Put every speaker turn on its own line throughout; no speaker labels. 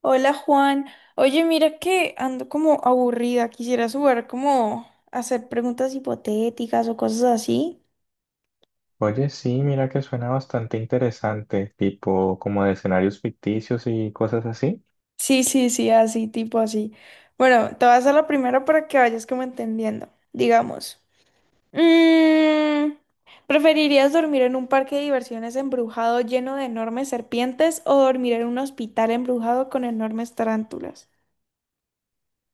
Hola Juan, oye mira que ando como aburrida, quisiera jugar como a hacer preguntas hipotéticas o cosas así.
Oye, sí, mira que suena bastante interesante, tipo como de escenarios ficticios y cosas así.
Sí, sí, sí, así, tipo así. Bueno, te voy a hacer la primera para que vayas como entendiendo, digamos. mm, ¿preferirías dormir en un parque de diversiones embrujado lleno de enormes serpientes o dormir en un hospital embrujado con enormes tarántulas?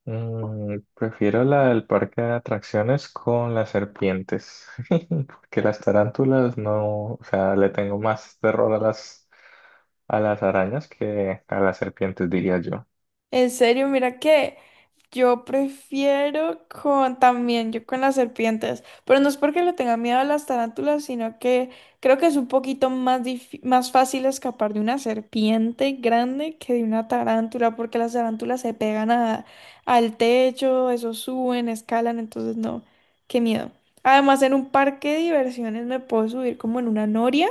Prefiero la del parque de atracciones con las serpientes, porque las tarántulas no, o sea, le tengo más terror a las arañas que a las serpientes, diría yo.
En serio, mira que... Yo prefiero con también, yo con las serpientes, pero no es porque le tenga miedo a las tarántulas, sino que creo que es un poquito más fácil escapar de una serpiente grande que de una tarántula, porque las tarántulas se pegan al techo, eso suben, escalan, entonces no, qué miedo. Además, en un parque de diversiones me puedo subir como en una noria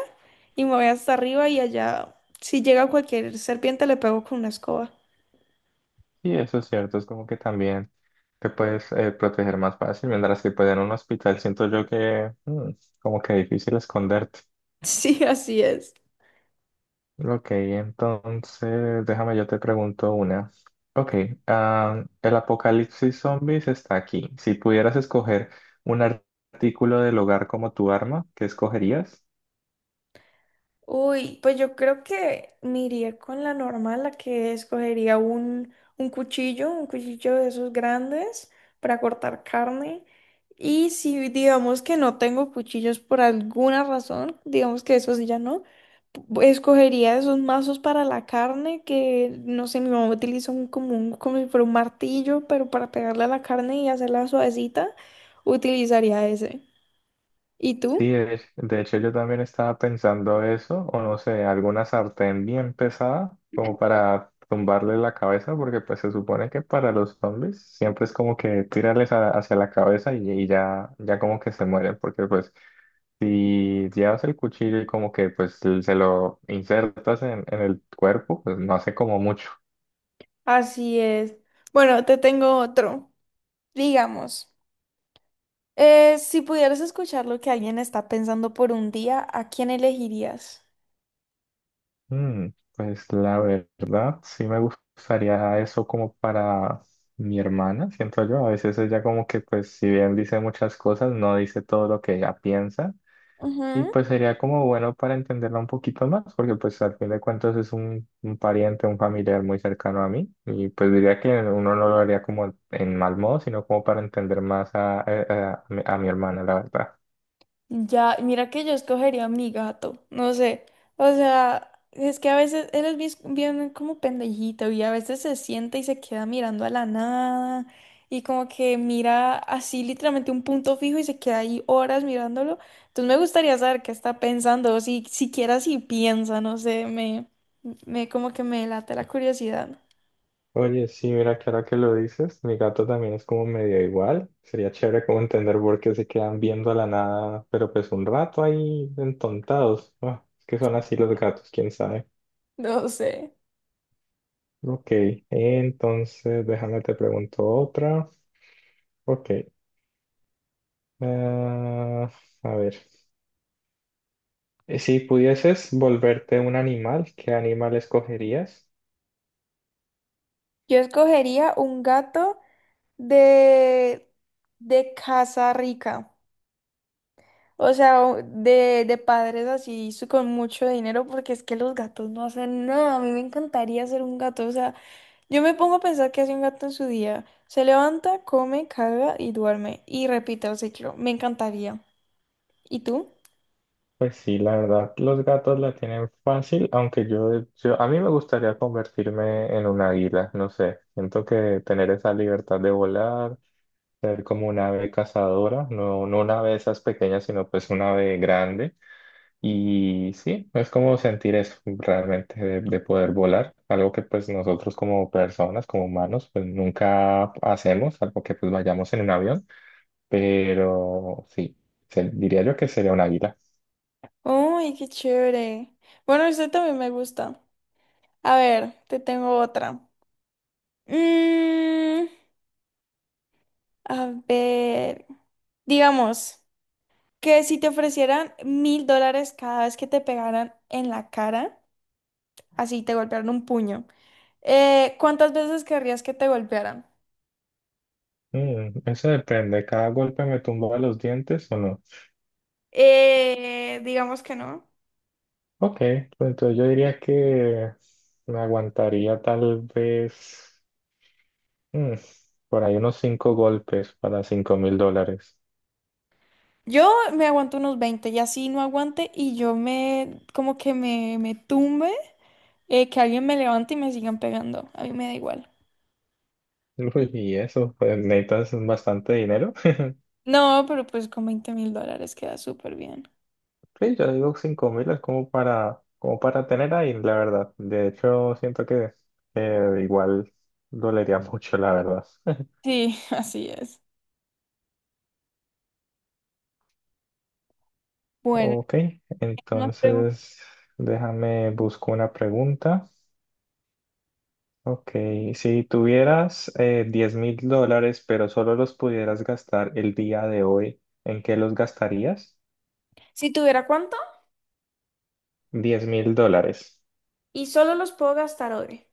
y me voy hasta arriba y allá, si llega cualquier serpiente, le pego con una escoba.
Y eso es cierto, es como que también te puedes proteger más fácil, mientras que pues en un hospital siento yo que como que difícil esconderte.
Sí, así es.
Ok, entonces déjame yo te pregunto una. Ok, el apocalipsis zombies está aquí. Si pudieras escoger un artículo del hogar como tu arma, ¿qué escogerías?
Uy, pues yo creo que me iría con la normal, la que escogería un cuchillo, un cuchillo de esos grandes para cortar carne. Y si digamos que no tengo cuchillos por alguna razón, digamos que esos ya no, escogería esos mazos para la carne que, no sé, mi mamá utiliza un, como, como si fuera un martillo, pero para pegarle a la carne y hacerla suavecita, utilizaría ese. ¿Y
Sí,
tú?
de hecho yo también estaba pensando eso, o no sé, alguna sartén bien pesada como para tumbarle la cabeza, porque pues se supone que para los zombies siempre es como que tirarles hacia la cabeza y ya, ya como que se mueren, porque pues... Si llevas el cuchillo y como que pues se lo insertas en el cuerpo, pues no hace como mucho.
Así es. Bueno, te tengo otro. Digamos, si pudieras escuchar lo que alguien está pensando por un día, ¿a quién elegirías?
Mm, pues la verdad, sí me gustaría eso como para mi hermana, siento yo. A veces ella como que pues si bien dice muchas cosas, no dice todo lo que ella piensa. Y
Ujú.
pues sería como bueno para entenderla un poquito más, porque pues al fin de cuentas es un pariente, un familiar muy cercano a mí, y pues diría que uno no lo haría como en mal modo, sino como para entender más a mi hermana, la verdad.
Ya, mira que yo escogería a mi gato, no sé, o sea, es que a veces él es bien como pendejito y a veces se sienta y se queda mirando a la nada y como que mira así literalmente un punto fijo y se queda ahí horas mirándolo. Entonces me gustaría saber qué está pensando, o si siquiera si piensa, no sé, me como que me late la curiosidad.
Oye, sí, mira que ahora que lo dices, mi gato también es como medio igual, sería chévere como entender por qué se quedan viendo a la nada, pero pues un rato ahí entontados. Ah, es que son así los gatos, quién sabe.
No sé.
Ok, entonces déjame te pregunto otra. Ok. Ah, a ver, si pudieses volverte un animal, ¿qué animal escogerías?
Yo escogería un gato de, de casa rica. O sea, de padres así con mucho dinero, porque es que los gatos no hacen nada. A mí me encantaría ser un gato. O sea, yo me pongo a pensar qué hace un gato en su día. Se levanta, come, caga y duerme. Y repite el ciclo. Me encantaría. ¿Y tú?
Pues sí, la verdad, los gatos la tienen fácil, aunque a mí me gustaría convertirme en un águila, no sé, siento que tener esa libertad de volar, ser como una ave cazadora, no, no una ave de esas pequeñas, sino pues una ave grande. Y sí, es como sentir eso realmente de poder volar, algo que pues nosotros como personas, como humanos, pues nunca hacemos, algo que pues vayamos en un avión, pero sí, diría yo que sería un águila.
¡Ay, qué chévere! Bueno, este también me gusta. A ver, te tengo otra. Mmm. A ver, digamos que si te ofrecieran 1.000 dólares cada vez que te pegaran en la cara, así te golpearon un puño, ¿Cuántas veces querrías que te golpearan?
Eso depende, cada golpe me tumba los dientes o no.
Digamos que no.
Ok, pues entonces yo diría que me aguantaría tal vez mm, por ahí unos cinco golpes para 5.000 dólares.
Yo me aguanto unos 20 y así no aguante y yo me, como que me tumbe, que alguien me levante y me sigan pegando. A mí me da igual.
Uy, y eso, pues necesitas bastante dinero.
No, pero pues con 20.000 dólares queda súper bien.
Sí, yo digo 5.000 es como para tener ahí, la verdad. De hecho, siento que igual dolería mucho, la verdad.
Sí, así es. Bueno.
Ok,
nos pregun-
entonces déjame busco una pregunta. Ok, si tuvieras 10 mil dólares, pero solo los pudieras gastar el día de hoy, ¿en qué los gastarías?
si tuviera.
10.000 dólares.
Y solo los puedo gastar hoy.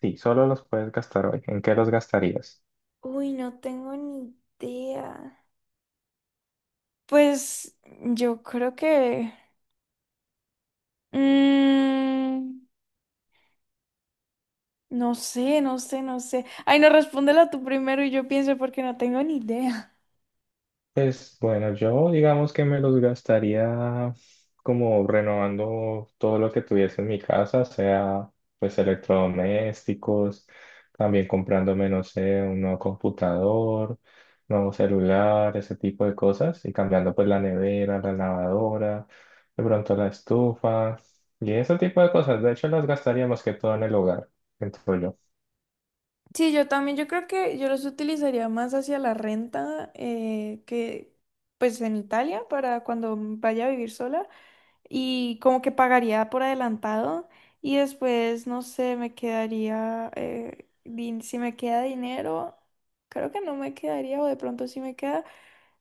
Sí, solo los puedes gastar hoy. ¿En qué los gastarías?
Uy, no tengo ni idea. Pues yo creo que... mm, no sé, no sé, no sé. Ay, no, respóndela tú primero y yo pienso porque no tengo ni idea.
Pues bueno, yo digamos que me los gastaría como renovando todo lo que tuviese en mi casa, sea pues electrodomésticos, también comprándome, no sé, un nuevo computador, nuevo celular, ese tipo de cosas, y cambiando pues la nevera, la lavadora, de pronto la estufa, y ese tipo de cosas. De hecho, las gastaría más que todo en el hogar, siento yo.
Sí, yo también, yo creo que yo los utilizaría más hacia la renta que pues en Italia para cuando vaya a vivir sola. Y como que pagaría por adelantado y después, no sé, me quedaría, si me queda dinero, creo que no me quedaría o de pronto si me queda,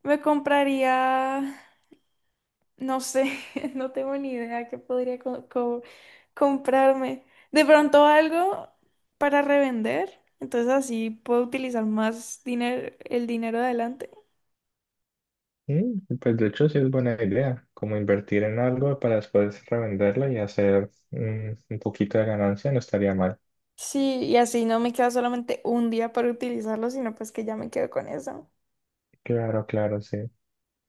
me compraría, no sé, no tengo ni idea qué podría comprarme. De pronto algo para revender, entonces así puedo utilizar más dinero, el dinero de adelante.
Pues de hecho sí es buena idea, como invertir en algo para después revenderlo y hacer un poquito de ganancia no estaría mal.
Sí, y así no me queda solamente un día para utilizarlo, sino pues que ya me quedo con eso.
Claro, claro, sí.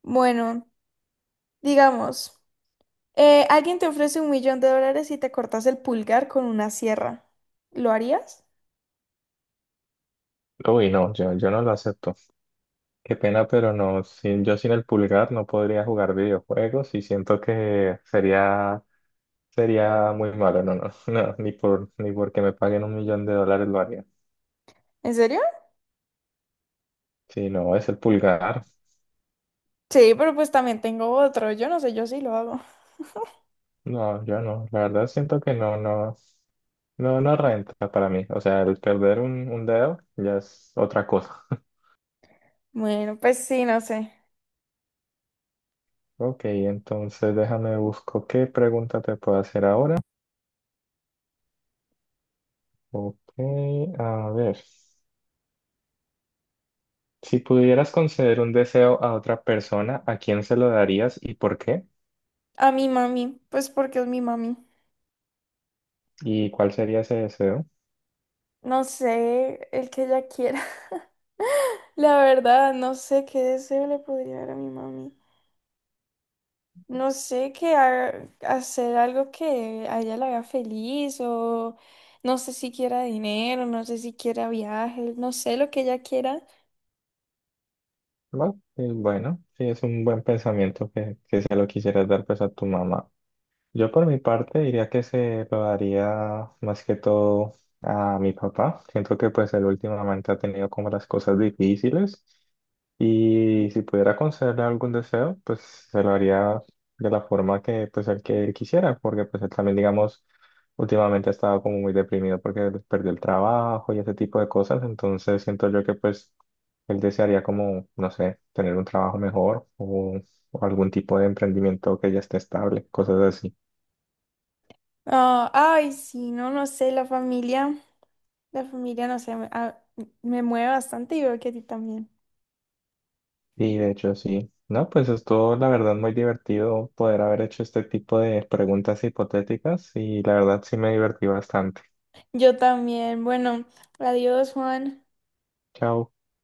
Bueno, digamos, alguien te ofrece 1 millón de dólares y te cortas el pulgar con una sierra. ¿Lo harías?
Uy, no, yo no lo acepto. Qué pena, pero no, sin, yo sin el pulgar no podría jugar videojuegos y siento que sería, muy malo. No, no, no, ni porque me paguen un millón de dólares lo haría.
¿En serio?
Sí, no, es el pulgar.
Sí, pero pues también tengo otro. Yo no sé, yo sí lo hago.
No, yo no. La verdad siento que no, no, no, no renta para mí. O sea, el perder un dedo ya es otra cosa.
Bueno, pues sí, no sé.
Ok, entonces déjame busco qué pregunta te puedo hacer ahora. Ok, a ver. Si pudieras conceder un deseo a otra persona, ¿a quién se lo darías y por qué?
A mi mami, pues porque es mi mami.
¿Y cuál sería ese deseo?
No sé, el que ella quiera. La verdad, no sé qué deseo le podría dar a mi mami. No sé, que hacer algo que a ella la haga feliz o no sé si quiera dinero, no sé si quiera viajes, no sé lo que ella quiera.
Bueno, y bueno, sí es un buen pensamiento que si se lo quisieras dar pues a tu mamá. Yo por mi parte diría que se lo daría más que todo a mi papá. Siento que pues él últimamente ha tenido como las cosas difíciles y si pudiera concederle algún deseo, pues se lo haría de la forma que pues el que él quisiera, porque pues él también digamos últimamente ha estado como muy deprimido porque perdió el trabajo y ese tipo de cosas, entonces siento yo que pues él desearía como, no sé, tener un trabajo mejor o algún tipo de emprendimiento que ya esté estable, cosas así.
Ah, ay, sí, no, no sé, la familia, no sé, me mueve bastante y veo que a ti también.
Sí, de hecho, sí. No, pues estuvo la verdad muy divertido poder haber hecho este tipo de preguntas hipotéticas y la verdad sí me divertí bastante.
Yo también, bueno, adiós, Juan.
Chao.